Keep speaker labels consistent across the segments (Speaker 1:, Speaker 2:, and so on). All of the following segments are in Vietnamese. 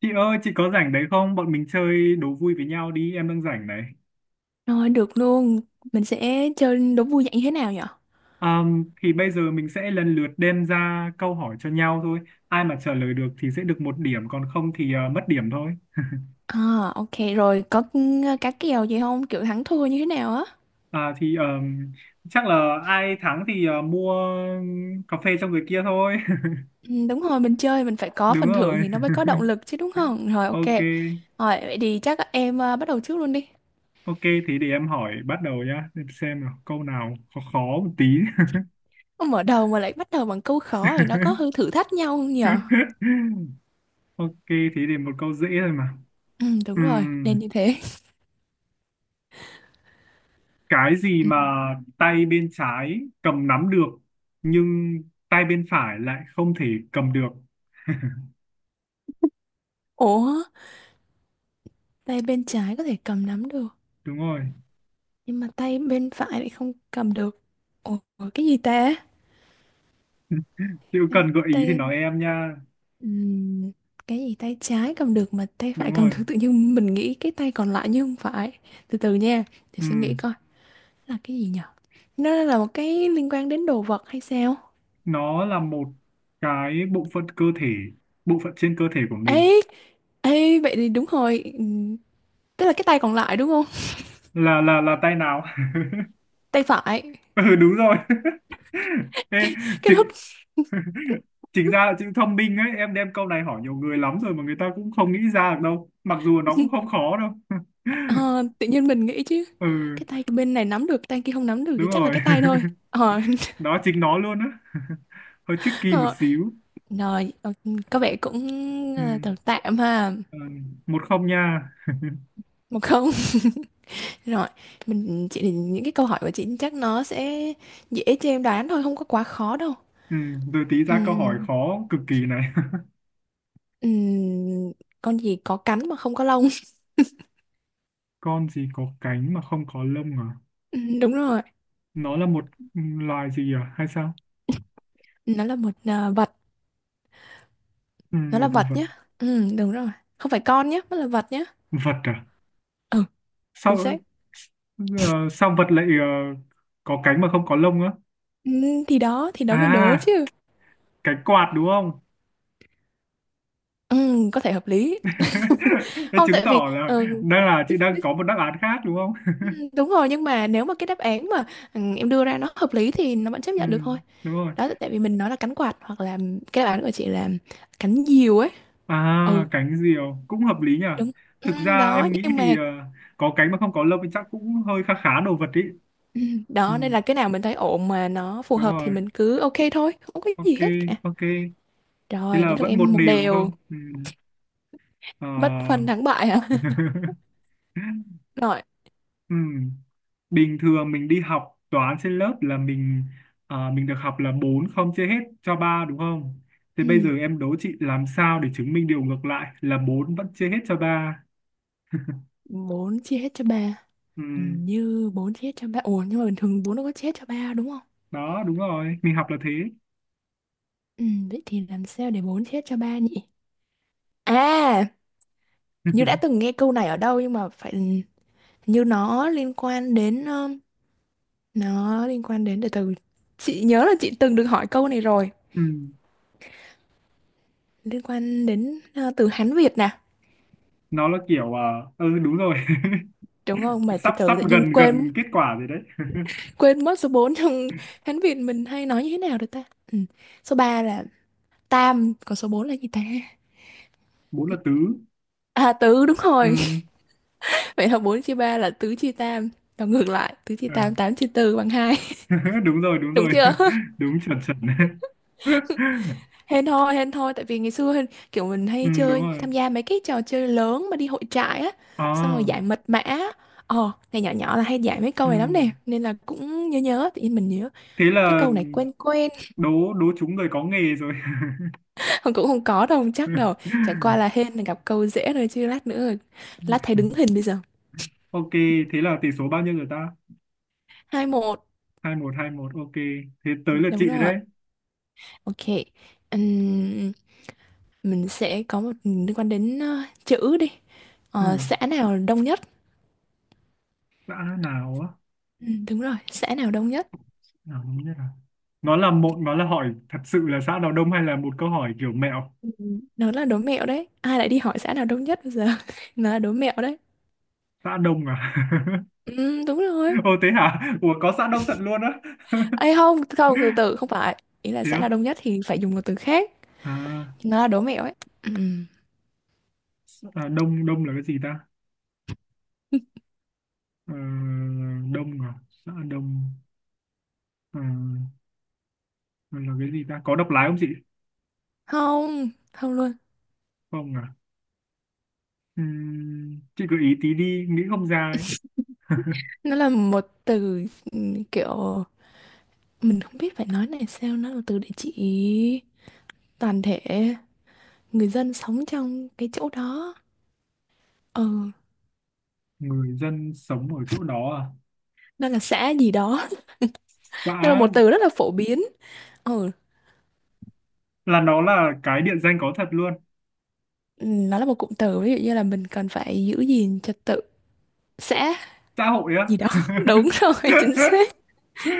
Speaker 1: Chị ơi, chị có rảnh đấy không? Bọn mình chơi đố vui với nhau đi, em đang rảnh này.
Speaker 2: Rồi được luôn, mình sẽ chơi đố vui dạng như thế nào nhở?
Speaker 1: Thì bây giờ mình sẽ lần lượt đem ra câu hỏi cho nhau thôi. Ai mà trả lời được thì sẽ được một điểm, còn không thì mất điểm thôi.
Speaker 2: À ok rồi, có cá kèo gì không? Kiểu thắng thua như thế nào á?
Speaker 1: À, thì chắc là ai thắng thì mua cà phê cho người kia thôi.
Speaker 2: Ừ, đúng rồi, mình chơi mình phải có
Speaker 1: Đúng
Speaker 2: phần thưởng
Speaker 1: rồi.
Speaker 2: thì nó mới có động lực chứ đúng không? Rồi ok,
Speaker 1: Ok,
Speaker 2: rồi vậy thì chắc em bắt đầu trước luôn đi.
Speaker 1: ok thì để em hỏi bắt đầu nhá. Để xem nào, câu nào khó khó một tí.
Speaker 2: Không mở đầu mà lại bắt đầu bằng câu khó thì nó có hơi thử thách nhau không nhở?
Speaker 1: Ok, thì để một câu dễ thôi mà.
Speaker 2: Ừ đúng rồi,
Speaker 1: Ừm.
Speaker 2: nên như thế.
Speaker 1: Cái gì
Speaker 2: Ừ.
Speaker 1: mà tay bên trái cầm nắm được nhưng tay bên phải lại không thể cầm được?
Speaker 2: Ủa, tay bên trái có thể cầm nắm được,
Speaker 1: đúng rồi,
Speaker 2: nhưng mà tay bên phải lại không cầm được. Ủa, cái gì ta?
Speaker 1: chịu
Speaker 2: Tay,
Speaker 1: cần gợi ý thì
Speaker 2: tay
Speaker 1: nói em nha.
Speaker 2: Ừm, cái gì tay trái cầm được mà tay phải
Speaker 1: Đúng
Speaker 2: cầm
Speaker 1: rồi.
Speaker 2: được, tự nhiên mình nghĩ cái tay còn lại nhưng không phải. Từ từ nha, để
Speaker 1: Ừ.
Speaker 2: suy nghĩ coi là cái gì nhở. Nó là một cái liên quan đến đồ vật hay sao?
Speaker 1: Nó là một cái bộ phận cơ thể, bộ phận trên cơ thể của mình.
Speaker 2: Ấy, ấy vậy thì đúng rồi, tức là cái tay còn lại đúng không?
Speaker 1: Là tay nào?
Speaker 2: Tay phải.
Speaker 1: ừ, đúng rồi. Ê,
Speaker 2: Cái lúc
Speaker 1: chính chính ra là chữ thông minh ấy, em đem câu này hỏi nhiều người lắm rồi mà người ta cũng không nghĩ ra được đâu, mặc dù nó cũng không khó đâu.
Speaker 2: ờ, tự nhiên mình nghĩ chứ
Speaker 1: ừ,
Speaker 2: cái tay bên này nắm được, tay kia không nắm được, thì
Speaker 1: đúng
Speaker 2: chắc là
Speaker 1: rồi.
Speaker 2: cái tay thôi. Ờ.
Speaker 1: đó chính nó luôn á. hơi tricky một
Speaker 2: Ờ.
Speaker 1: xíu.
Speaker 2: Rồi, có vẻ cũng
Speaker 1: Ừ.
Speaker 2: tạm tạm ha.
Speaker 1: Ừ. 1-0 nha.
Speaker 2: 1-0. Rồi, mình chị những cái câu hỏi của chị chắc nó sẽ dễ cho em đoán thôi, không có quá khó đâu.
Speaker 1: ừ. Rồi tí ra câu hỏi
Speaker 2: Ừm,
Speaker 1: khó cực kỳ này.
Speaker 2: ừm, con gì có cánh mà không có lông?
Speaker 1: con gì có cánh mà không có lông à?
Speaker 2: Đúng rồi,
Speaker 1: Nó là một loài gì à hay sao?
Speaker 2: nó là một vật,
Speaker 1: Ừ,
Speaker 2: nó là
Speaker 1: một
Speaker 2: vật
Speaker 1: vật.
Speaker 2: nhá. Đúng rồi, không phải con nhá, nó là vật nhá.
Speaker 1: Vật à?
Speaker 2: Ừ, chính
Speaker 1: Sao
Speaker 2: xác.
Speaker 1: sao vật lại có cánh mà không có lông á?
Speaker 2: Thì đó
Speaker 1: À,
Speaker 2: mới đố chứ.
Speaker 1: cái quạt đúng không?
Speaker 2: Có thể hợp lý.
Speaker 1: thế
Speaker 2: Không,
Speaker 1: chứng
Speaker 2: tại vì
Speaker 1: tỏ là đang là chị đang có một đáp án khác đúng không?
Speaker 2: đúng rồi, nhưng mà nếu mà cái đáp án mà em đưa ra nó hợp lý thì nó vẫn chấp
Speaker 1: ừ,
Speaker 2: nhận được thôi.
Speaker 1: đúng rồi.
Speaker 2: Đó, tại vì mình nói là cánh quạt hoặc là cái bản của chị là cánh diều ấy. Ừ
Speaker 1: À, cánh diều cũng hợp lý nhỉ.
Speaker 2: đúng. Ừ,
Speaker 1: Thực ra
Speaker 2: đó
Speaker 1: em nghĩ
Speaker 2: nhưng mà
Speaker 1: thì có cánh mà không có lông thì chắc cũng hơi khá khá đồ vật ý.
Speaker 2: ừ,
Speaker 1: Ừ,
Speaker 2: đó nên là cái nào mình thấy ổn mà nó phù
Speaker 1: đúng
Speaker 2: hợp thì
Speaker 1: rồi.
Speaker 2: mình cứ ok thôi, không có gì
Speaker 1: Ok,
Speaker 2: hết cả.
Speaker 1: ok. Thế
Speaker 2: Rồi
Speaker 1: là
Speaker 2: đến lượt
Speaker 1: vẫn một
Speaker 2: em. Một
Speaker 1: điều đúng
Speaker 2: đều,
Speaker 1: không? Ừ. Ờ.
Speaker 2: bất phân thắng bại hả. Rồi.
Speaker 1: ừ. Bình thường mình đi học toán trên lớp là mình được học là 4 không chia hết cho 3 đúng không? Thế bây giờ
Speaker 2: Ừ,
Speaker 1: em đố chị làm sao để chứng minh điều ngược lại là 4 vẫn chia hết cho ba.
Speaker 2: bốn chia hết cho ba.
Speaker 1: Ừ.
Speaker 2: Hình như bốn chia hết cho ba, ủa nhưng mà bình thường bốn đâu có chia hết cho ba đúng không?
Speaker 1: Đó, đúng rồi. Mình học là thế.
Speaker 2: Ừ, vậy thì làm sao để bốn chia hết cho ba nhỉ? À, hình như đã từng nghe câu này ở đâu nhưng mà phải hình như nó liên quan đến, nó liên quan đến từ từ. Chị nhớ là chị từng được hỏi câu này rồi,
Speaker 1: ừ.
Speaker 2: liên quan đến từ Hán Việt nè,
Speaker 1: Nó là kiểu à, ừ đúng rồi.
Speaker 2: đúng không? Mà từ
Speaker 1: sắp
Speaker 2: từ
Speaker 1: sắp
Speaker 2: tự nhiên
Speaker 1: gần
Speaker 2: quên,
Speaker 1: gần kết quả rồi đấy.
Speaker 2: quên mất số 4 trong Hán Việt mình hay nói như thế nào được ta. Ừ, số 3 là tam, còn số 4 là gì ta?
Speaker 1: bốn là tứ.
Speaker 2: À, tứ đúng
Speaker 1: Ừ.
Speaker 2: rồi. Vậy là 4 chia 3 là tứ chia tam, và ngược lại tứ chia
Speaker 1: Ờ.
Speaker 2: tam, 8 chia tư bằng hai.
Speaker 1: đúng rồi, đúng
Speaker 2: Đúng
Speaker 1: rồi.
Speaker 2: chưa?
Speaker 1: đúng chuẩn chuẩn.
Speaker 2: Hên thôi, hên thôi, tại vì ngày xưa hên- kiểu mình
Speaker 1: ừ,
Speaker 2: hay
Speaker 1: đúng
Speaker 2: chơi,
Speaker 1: rồi.
Speaker 2: tham gia mấy cái trò chơi lớn mà đi hội trại á, xong rồi
Speaker 1: À,
Speaker 2: giải mật mã, này nhỏ nhỏ là hay giải mấy câu
Speaker 1: ừ.
Speaker 2: này lắm nè, nên là cũng nhớ nhớ, tự nhiên mình nhớ
Speaker 1: Thế
Speaker 2: cái
Speaker 1: là
Speaker 2: câu này quen quen.
Speaker 1: đố đố chúng người có nghề rồi.
Speaker 2: Không, cũng không có đâu, không chắc đâu, chẳng qua là hên là gặp câu dễ thôi, chứ lát nữa, lát thấy đứng hình bây giờ.
Speaker 1: ok, thế là tỷ số bao nhiêu rồi ta?
Speaker 2: 2-1.
Speaker 1: 2-1. 2-1, ok. Thế tới lượt
Speaker 2: Đúng
Speaker 1: chị
Speaker 2: rồi,
Speaker 1: đấy.
Speaker 2: ok. Ừm, mình sẽ có một liên quan đến chữ đi.
Speaker 1: Ừ.
Speaker 2: Ờ, xã nào đông nhất?
Speaker 1: Đã nào á?
Speaker 2: Ừ, đúng rồi, xã nào đông nhất?
Speaker 1: Nào, không biết à. Nó là hỏi thật sự là xã nào đông hay là một câu hỏi kiểu mẹo?
Speaker 2: Ừ, nó là đố mẹo đấy. Ai lại đi hỏi xã nào đông nhất bây giờ? Nó là đố mẹo đấy.
Speaker 1: Xã đông à?
Speaker 2: Ừ, đúng rồi.
Speaker 1: Ô thế hả? Ủa có xã đông thật luôn á.
Speaker 2: Ê không, không, từ từ, không phải. Ý là
Speaker 1: Thế
Speaker 2: xã nào
Speaker 1: á?
Speaker 2: đông nhất thì phải dùng một từ khác.
Speaker 1: À,
Speaker 2: Nó là đố mẹo ấy. Ừ.
Speaker 1: à, đông đông là cái gì ta? Ờ, đông à? Xã đông. Ờ, là cái gì ta? Có độc lái không chị?
Speaker 2: Không, không luôn.
Speaker 1: Không à? Chị gợi ý tí đi, nghĩ không ra ấy.
Speaker 2: Nó là một từ ừ, kiểu... Mình không biết phải nói này sao. Nó là từ để chỉ toàn thể người dân sống trong cái chỗ đó. Ừ,
Speaker 1: Người dân sống ở chỗ đó à?
Speaker 2: nó là xã gì đó. Nó là
Speaker 1: Xã
Speaker 2: một từ rất là phổ biến. Ừ,
Speaker 1: là cái địa danh có thật luôn.
Speaker 2: nó là một cụm từ. Ví dụ như là mình cần phải giữ gìn trật tự xã
Speaker 1: Xã hội á.
Speaker 2: gì đó. Đúng rồi, chính xác.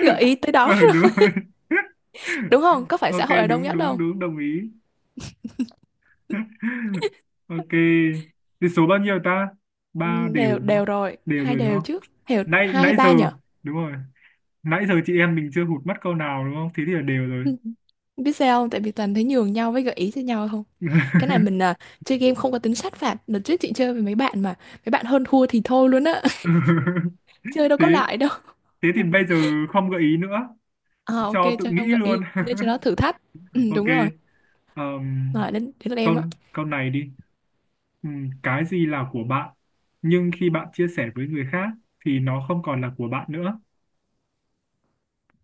Speaker 2: Gợi ý tới
Speaker 1: ừ,
Speaker 2: đó,
Speaker 1: đúng rồi.
Speaker 2: đúng không? Có phải xã
Speaker 1: ok,
Speaker 2: hội là đông
Speaker 1: đúng
Speaker 2: nhất
Speaker 1: đúng
Speaker 2: đâu.
Speaker 1: đúng, đồng ý. ok, thì số bao nhiêu ta?
Speaker 2: Ừ,
Speaker 1: Ba đều
Speaker 2: đều
Speaker 1: đúng
Speaker 2: đều
Speaker 1: không?
Speaker 2: rồi,
Speaker 1: Đều
Speaker 2: hai
Speaker 1: rồi đúng
Speaker 2: đều
Speaker 1: không?
Speaker 2: chứ. Hiểu
Speaker 1: nãy
Speaker 2: hai hay
Speaker 1: nãy giờ
Speaker 2: ba nhở?
Speaker 1: đúng rồi, nãy giờ chị em mình chưa hụt mất câu nào đúng không, thế thì là đều rồi.
Speaker 2: Ừ, biết sao không, tại vì toàn thấy nhường nhau với gợi ý cho nhau không. Cái này mình chơi game không có tính sát phạt, đợt trước chị chơi với mấy bạn mà mấy bạn hơn thua thì thôi luôn á. Chơi đâu
Speaker 1: thế
Speaker 2: có lại đâu.
Speaker 1: thế thì bây giờ không gợi ý nữa,
Speaker 2: À, ok,
Speaker 1: cho tự
Speaker 2: cho
Speaker 1: nghĩ
Speaker 2: không gợi
Speaker 1: luôn.
Speaker 2: ý để cho nó thử thách. Ừ,
Speaker 1: ok.
Speaker 2: đúng rồi.
Speaker 1: Ờm,
Speaker 2: Rồi đến đến lượt em
Speaker 1: câu
Speaker 2: á.
Speaker 1: câu này đi. Cái gì là của bạn nhưng khi bạn chia sẻ với người khác thì nó không còn là của bạn nữa.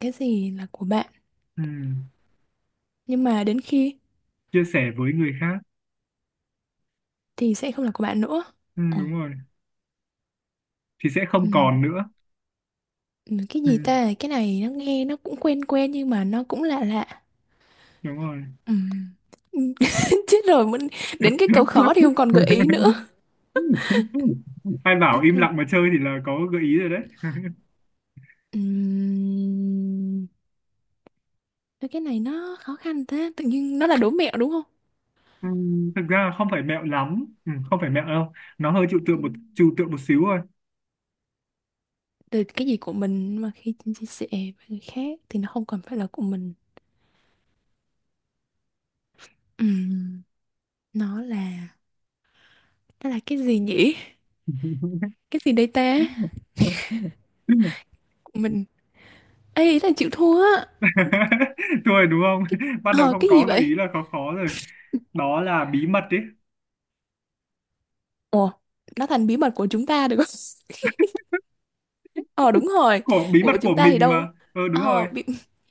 Speaker 2: Cái gì là của bạn
Speaker 1: Ừm,
Speaker 2: nhưng mà đến khi
Speaker 1: Chia sẻ với người khác.
Speaker 2: thì sẽ không là của bạn nữa. Ừ.
Speaker 1: Đúng rồi. Thì sẽ
Speaker 2: Ừ.
Speaker 1: không còn nữa.
Speaker 2: Ừ, cái gì
Speaker 1: Ừm,
Speaker 2: ta, cái này nó nghe nó cũng quen quen nhưng mà nó cũng lạ lạ.
Speaker 1: đúng rồi.
Speaker 2: Ừ. Ừ, chết rồi, mình đến cái câu khó thì không còn gợi ý nữa.
Speaker 1: Ai
Speaker 2: Chết
Speaker 1: bảo im
Speaker 2: rồi.
Speaker 1: lặng mà chơi thì là có gợi ý rồi đấy.
Speaker 2: Ừm, thôi cái này nó khó khăn thế, tự nhiên nó là đố mẹo đúng không?
Speaker 1: Thực ra không phải mẹo lắm, không phải mẹo đâu. Nó hơi trừu tượng một
Speaker 2: Ừm,
Speaker 1: trừu tượng một xíu thôi.
Speaker 2: từ cái gì của mình mà khi chia sẻ với người khác thì nó không còn phải là của mình. Ừm, nó là, nó là cái gì nhỉ, cái gì đây ta, của mình. Ê, ý là chịu thua á.
Speaker 1: thua rồi đúng không?
Speaker 2: Cái
Speaker 1: bắt đầu không
Speaker 2: cái gì
Speaker 1: có gợi
Speaker 2: vậy?
Speaker 1: ý là khó khó rồi. Đó là bí mật đấy.
Speaker 2: Ủa, nó thành bí mật của chúng ta được. Ờ đúng rồi.
Speaker 1: Của bí mật
Speaker 2: Của chúng
Speaker 1: của
Speaker 2: ta thì
Speaker 1: mình
Speaker 2: đâu,
Speaker 1: mà, ừ, đúng
Speaker 2: ờ,
Speaker 1: rồi,
Speaker 2: bị-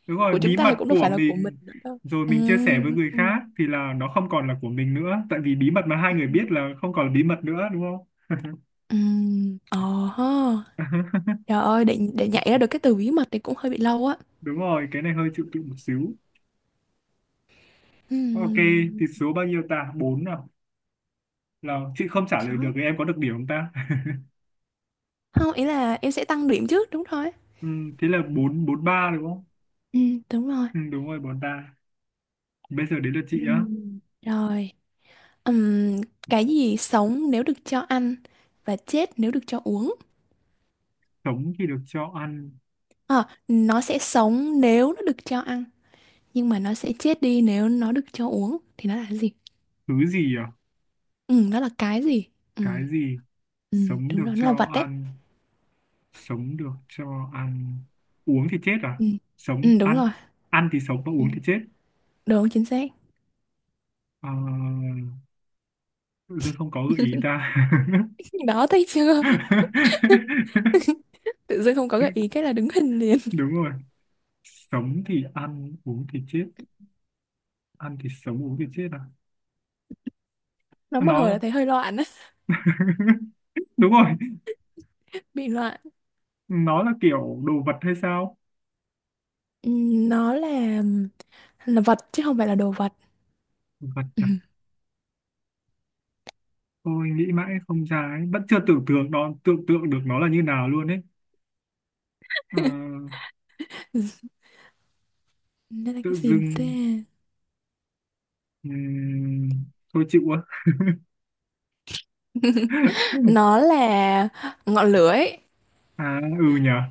Speaker 1: đúng rồi.
Speaker 2: của chúng
Speaker 1: Bí
Speaker 2: ta
Speaker 1: mật
Speaker 2: thì cũng đâu
Speaker 1: của
Speaker 2: phải là của mình
Speaker 1: mình,
Speaker 2: nữa đâu.
Speaker 1: rồi mình chia sẻ với
Speaker 2: Ừm,
Speaker 1: người khác thì là nó không còn là của mình nữa, tại vì bí mật mà hai người biết
Speaker 2: ừm,
Speaker 1: là không còn là bí mật nữa đúng không?
Speaker 2: ừm, ờ ha. Trời ơi, để nhảy ra được cái từ bí mật thì cũng hơi bị lâu á.
Speaker 1: đúng rồi, cái này hơi chịu tụi một xíu. Ok,
Speaker 2: Ừm,
Speaker 1: thì số bao nhiêu ta? Bốn nào. Là chị không trả lời
Speaker 2: khó.
Speaker 1: được thì em có được điểm không ta?
Speaker 2: Không, ý là em sẽ tăng điểm trước đúng thôi.
Speaker 1: ừ, thế là bốn bốn ba đúng không?
Speaker 2: Đúng rồi.
Speaker 1: Ừ, đúng rồi. Bốn ta. Bây giờ đến lượt chị á.
Speaker 2: Ừm, rồi. Ừm, cái gì sống nếu được cho ăn và chết nếu được cho uống.
Speaker 1: Sống thì được cho ăn.
Speaker 2: Ờ, nó sẽ sống nếu nó được cho ăn nhưng mà nó sẽ chết đi nếu nó được cho uống, thì nó là cái gì?
Speaker 1: Thứ gì à?
Speaker 2: Ừ, nó là cái gì? Ừ,
Speaker 1: Cái gì?
Speaker 2: ừ,
Speaker 1: Sống
Speaker 2: đúng
Speaker 1: được
Speaker 2: rồi, nó là
Speaker 1: cho
Speaker 2: vật đấy.
Speaker 1: ăn. Sống được cho ăn. Uống thì chết à?
Speaker 2: Ừ,
Speaker 1: Sống,
Speaker 2: ừ đúng
Speaker 1: ăn.
Speaker 2: rồi.
Speaker 1: Ăn thì sống và
Speaker 2: Ừ,
Speaker 1: uống thì chết.
Speaker 2: đúng, chính xác.
Speaker 1: À, tự dưng không có gợi ý ta.
Speaker 2: Đó, thấy chưa? Tự dưng không có gợi ý cái là đứng hình liền.
Speaker 1: Đúng rồi. Sống thì ăn, uống thì chết. Ăn thì sống, uống thì chết à?
Speaker 2: Nó một hồi là
Speaker 1: Nó,
Speaker 2: thấy hơi loạn á,
Speaker 1: đúng rồi.
Speaker 2: bị loạn.
Speaker 1: Nó là kiểu đồ vật hay sao?
Speaker 2: Ừ, nó là vật chứ không phải là đồ vật.
Speaker 1: Vật
Speaker 2: Ừ,
Speaker 1: à? Tôi nghĩ mãi không ra ấy. Vẫn chưa tưởng tượng được nó là như nào luôn ấy. Ờ,
Speaker 2: nó là cái
Speaker 1: tự
Speaker 2: gì ta?
Speaker 1: dưng ừm, thôi chịu quá.
Speaker 2: Nó là ngọn lửa ấy.
Speaker 1: À, ừ nhở.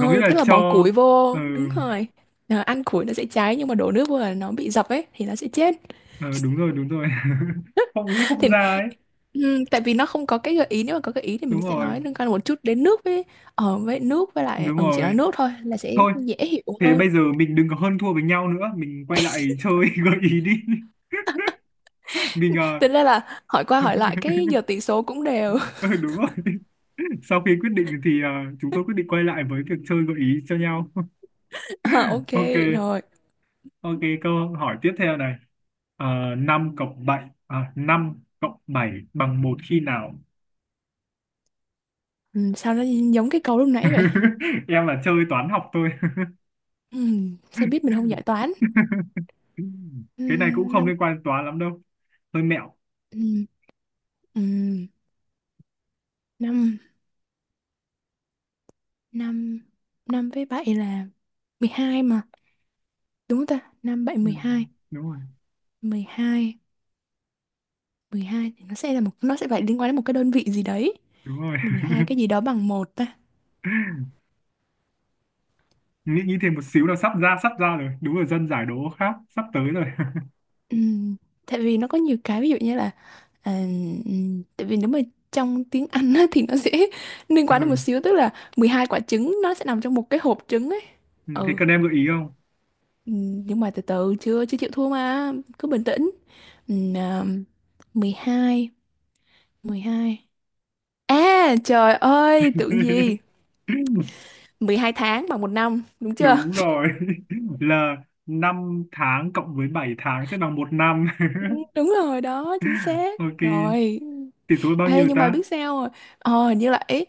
Speaker 1: Có nghĩa là
Speaker 2: tức là
Speaker 1: cho,
Speaker 2: bỏ củi
Speaker 1: ừ,
Speaker 2: vô, đúng rồi. Ờ, ăn củi nó sẽ cháy nhưng mà đổ nước vô là nó bị dập ấy thì nó sẽ chết.
Speaker 1: ừ đúng rồi, đúng rồi. Không nghĩ không ra ấy.
Speaker 2: Ừ, tại vì nó không có cái gợi ý, nếu mà có gợi ý thì mình
Speaker 1: Đúng
Speaker 2: sẽ
Speaker 1: rồi.
Speaker 2: nói liên quan một chút đến nước với, ở với nước với lại,
Speaker 1: Đúng
Speaker 2: ừ, chỉ nói
Speaker 1: rồi.
Speaker 2: nước thôi là sẽ
Speaker 1: Thôi,
Speaker 2: dễ hiểu
Speaker 1: thế
Speaker 2: hơn.
Speaker 1: bây giờ mình đừng có hơn thua với nhau nữa, mình quay lại chơi gợi ý đi. Mình
Speaker 2: Thế
Speaker 1: ờ,
Speaker 2: nên là hỏi qua hỏi lại cái giờ tỷ số cũng đều.
Speaker 1: ừ, đúng rồi. Sau khi quyết định thì chúng tôi quyết định quay lại với việc chơi gợi ý cho nhau.
Speaker 2: À, ok
Speaker 1: Ok.
Speaker 2: rồi.
Speaker 1: Ok, câu hỏi tiếp theo này. Ờ, 5 cộng 7 à, 5 cộng 7 bằng một khi nào?
Speaker 2: Ừ, sao nó giống cái câu lúc nãy vậy?
Speaker 1: Em là chơi toán học thôi.
Speaker 2: Ừ, sao biết mình không giải toán. Ừ,
Speaker 1: Cái này cũng không
Speaker 2: năm.
Speaker 1: liên quan đến toán lắm đâu. Hơi mẹo.
Speaker 2: ừ, ừ, năm, năm, năm với bảy là 12 mà, đúng không ta? Năm bảy
Speaker 1: Ừ,
Speaker 2: mười hai.
Speaker 1: đúng rồi,
Speaker 2: Mười hai, 12 thì nó sẽ là một, nó sẽ phải liên quan đến một cái đơn vị gì đấy.
Speaker 1: đúng rồi.
Speaker 2: Mười hai cái gì đó bằng một ta?
Speaker 1: Nghĩ nghĩ thêm một xíu là sắp ra rồi. Đúng rồi, dân giải đố khác sắp tới rồi.
Speaker 2: Ừm, tại vì nó có nhiều cái ví dụ như là à, tại vì nếu mà trong tiếng Anh á, thì nó sẽ liên
Speaker 1: Ừ.
Speaker 2: quan đến một xíu, tức là 12 quả trứng nó sẽ nằm trong một cái hộp trứng ấy.
Speaker 1: Ừ, thế
Speaker 2: Ừ.
Speaker 1: cần em gợi ý không?
Speaker 2: Nhưng mà từ từ, chưa chưa chịu thua mà, cứ bình tĩnh. Ừm, à, mười hai, mười hai, à trời ơi tưởng gì. 12 tháng bằng 1 năm đúng chưa?
Speaker 1: Đúng rồi. Là 5 tháng cộng với 7 tháng sẽ bằng một năm.
Speaker 2: Ừ, đúng rồi đó, chính xác.
Speaker 1: Ok.
Speaker 2: Rồi.
Speaker 1: Tỷ số là bao
Speaker 2: Ê,
Speaker 1: nhiêu
Speaker 2: nhưng mà
Speaker 1: ta?
Speaker 2: biết sao rồi. Ờ, hình như là ý,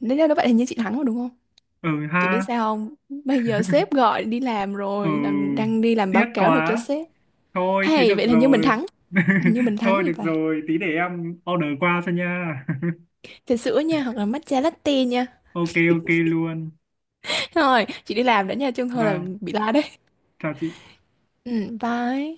Speaker 2: nếu như nó vậy thì như chị thắng rồi đúng không?
Speaker 1: Ừ
Speaker 2: Chị biết
Speaker 1: ha.
Speaker 2: sao không? Bây giờ sếp gọi đi làm
Speaker 1: Ừ,
Speaker 2: rồi, làm, đang đi làm
Speaker 1: tiếc
Speaker 2: báo cáo nộp cho
Speaker 1: quá.
Speaker 2: sếp.
Speaker 1: Thôi thế
Speaker 2: Hay,
Speaker 1: được
Speaker 2: vậy là như mình
Speaker 1: rồi.
Speaker 2: thắng. Hình như mình thắng
Speaker 1: thôi
Speaker 2: như
Speaker 1: được
Speaker 2: vậy.
Speaker 1: rồi, tí để em order qua cho nha.
Speaker 2: Trà sữa nha, hoặc là matcha latte nha.
Speaker 1: ok, ok luôn.
Speaker 2: Rồi, chị đi làm đã nha, chứ không thôi là
Speaker 1: Vâng,
Speaker 2: bị la đấy.
Speaker 1: chào chị.
Speaker 2: Ừ, bye.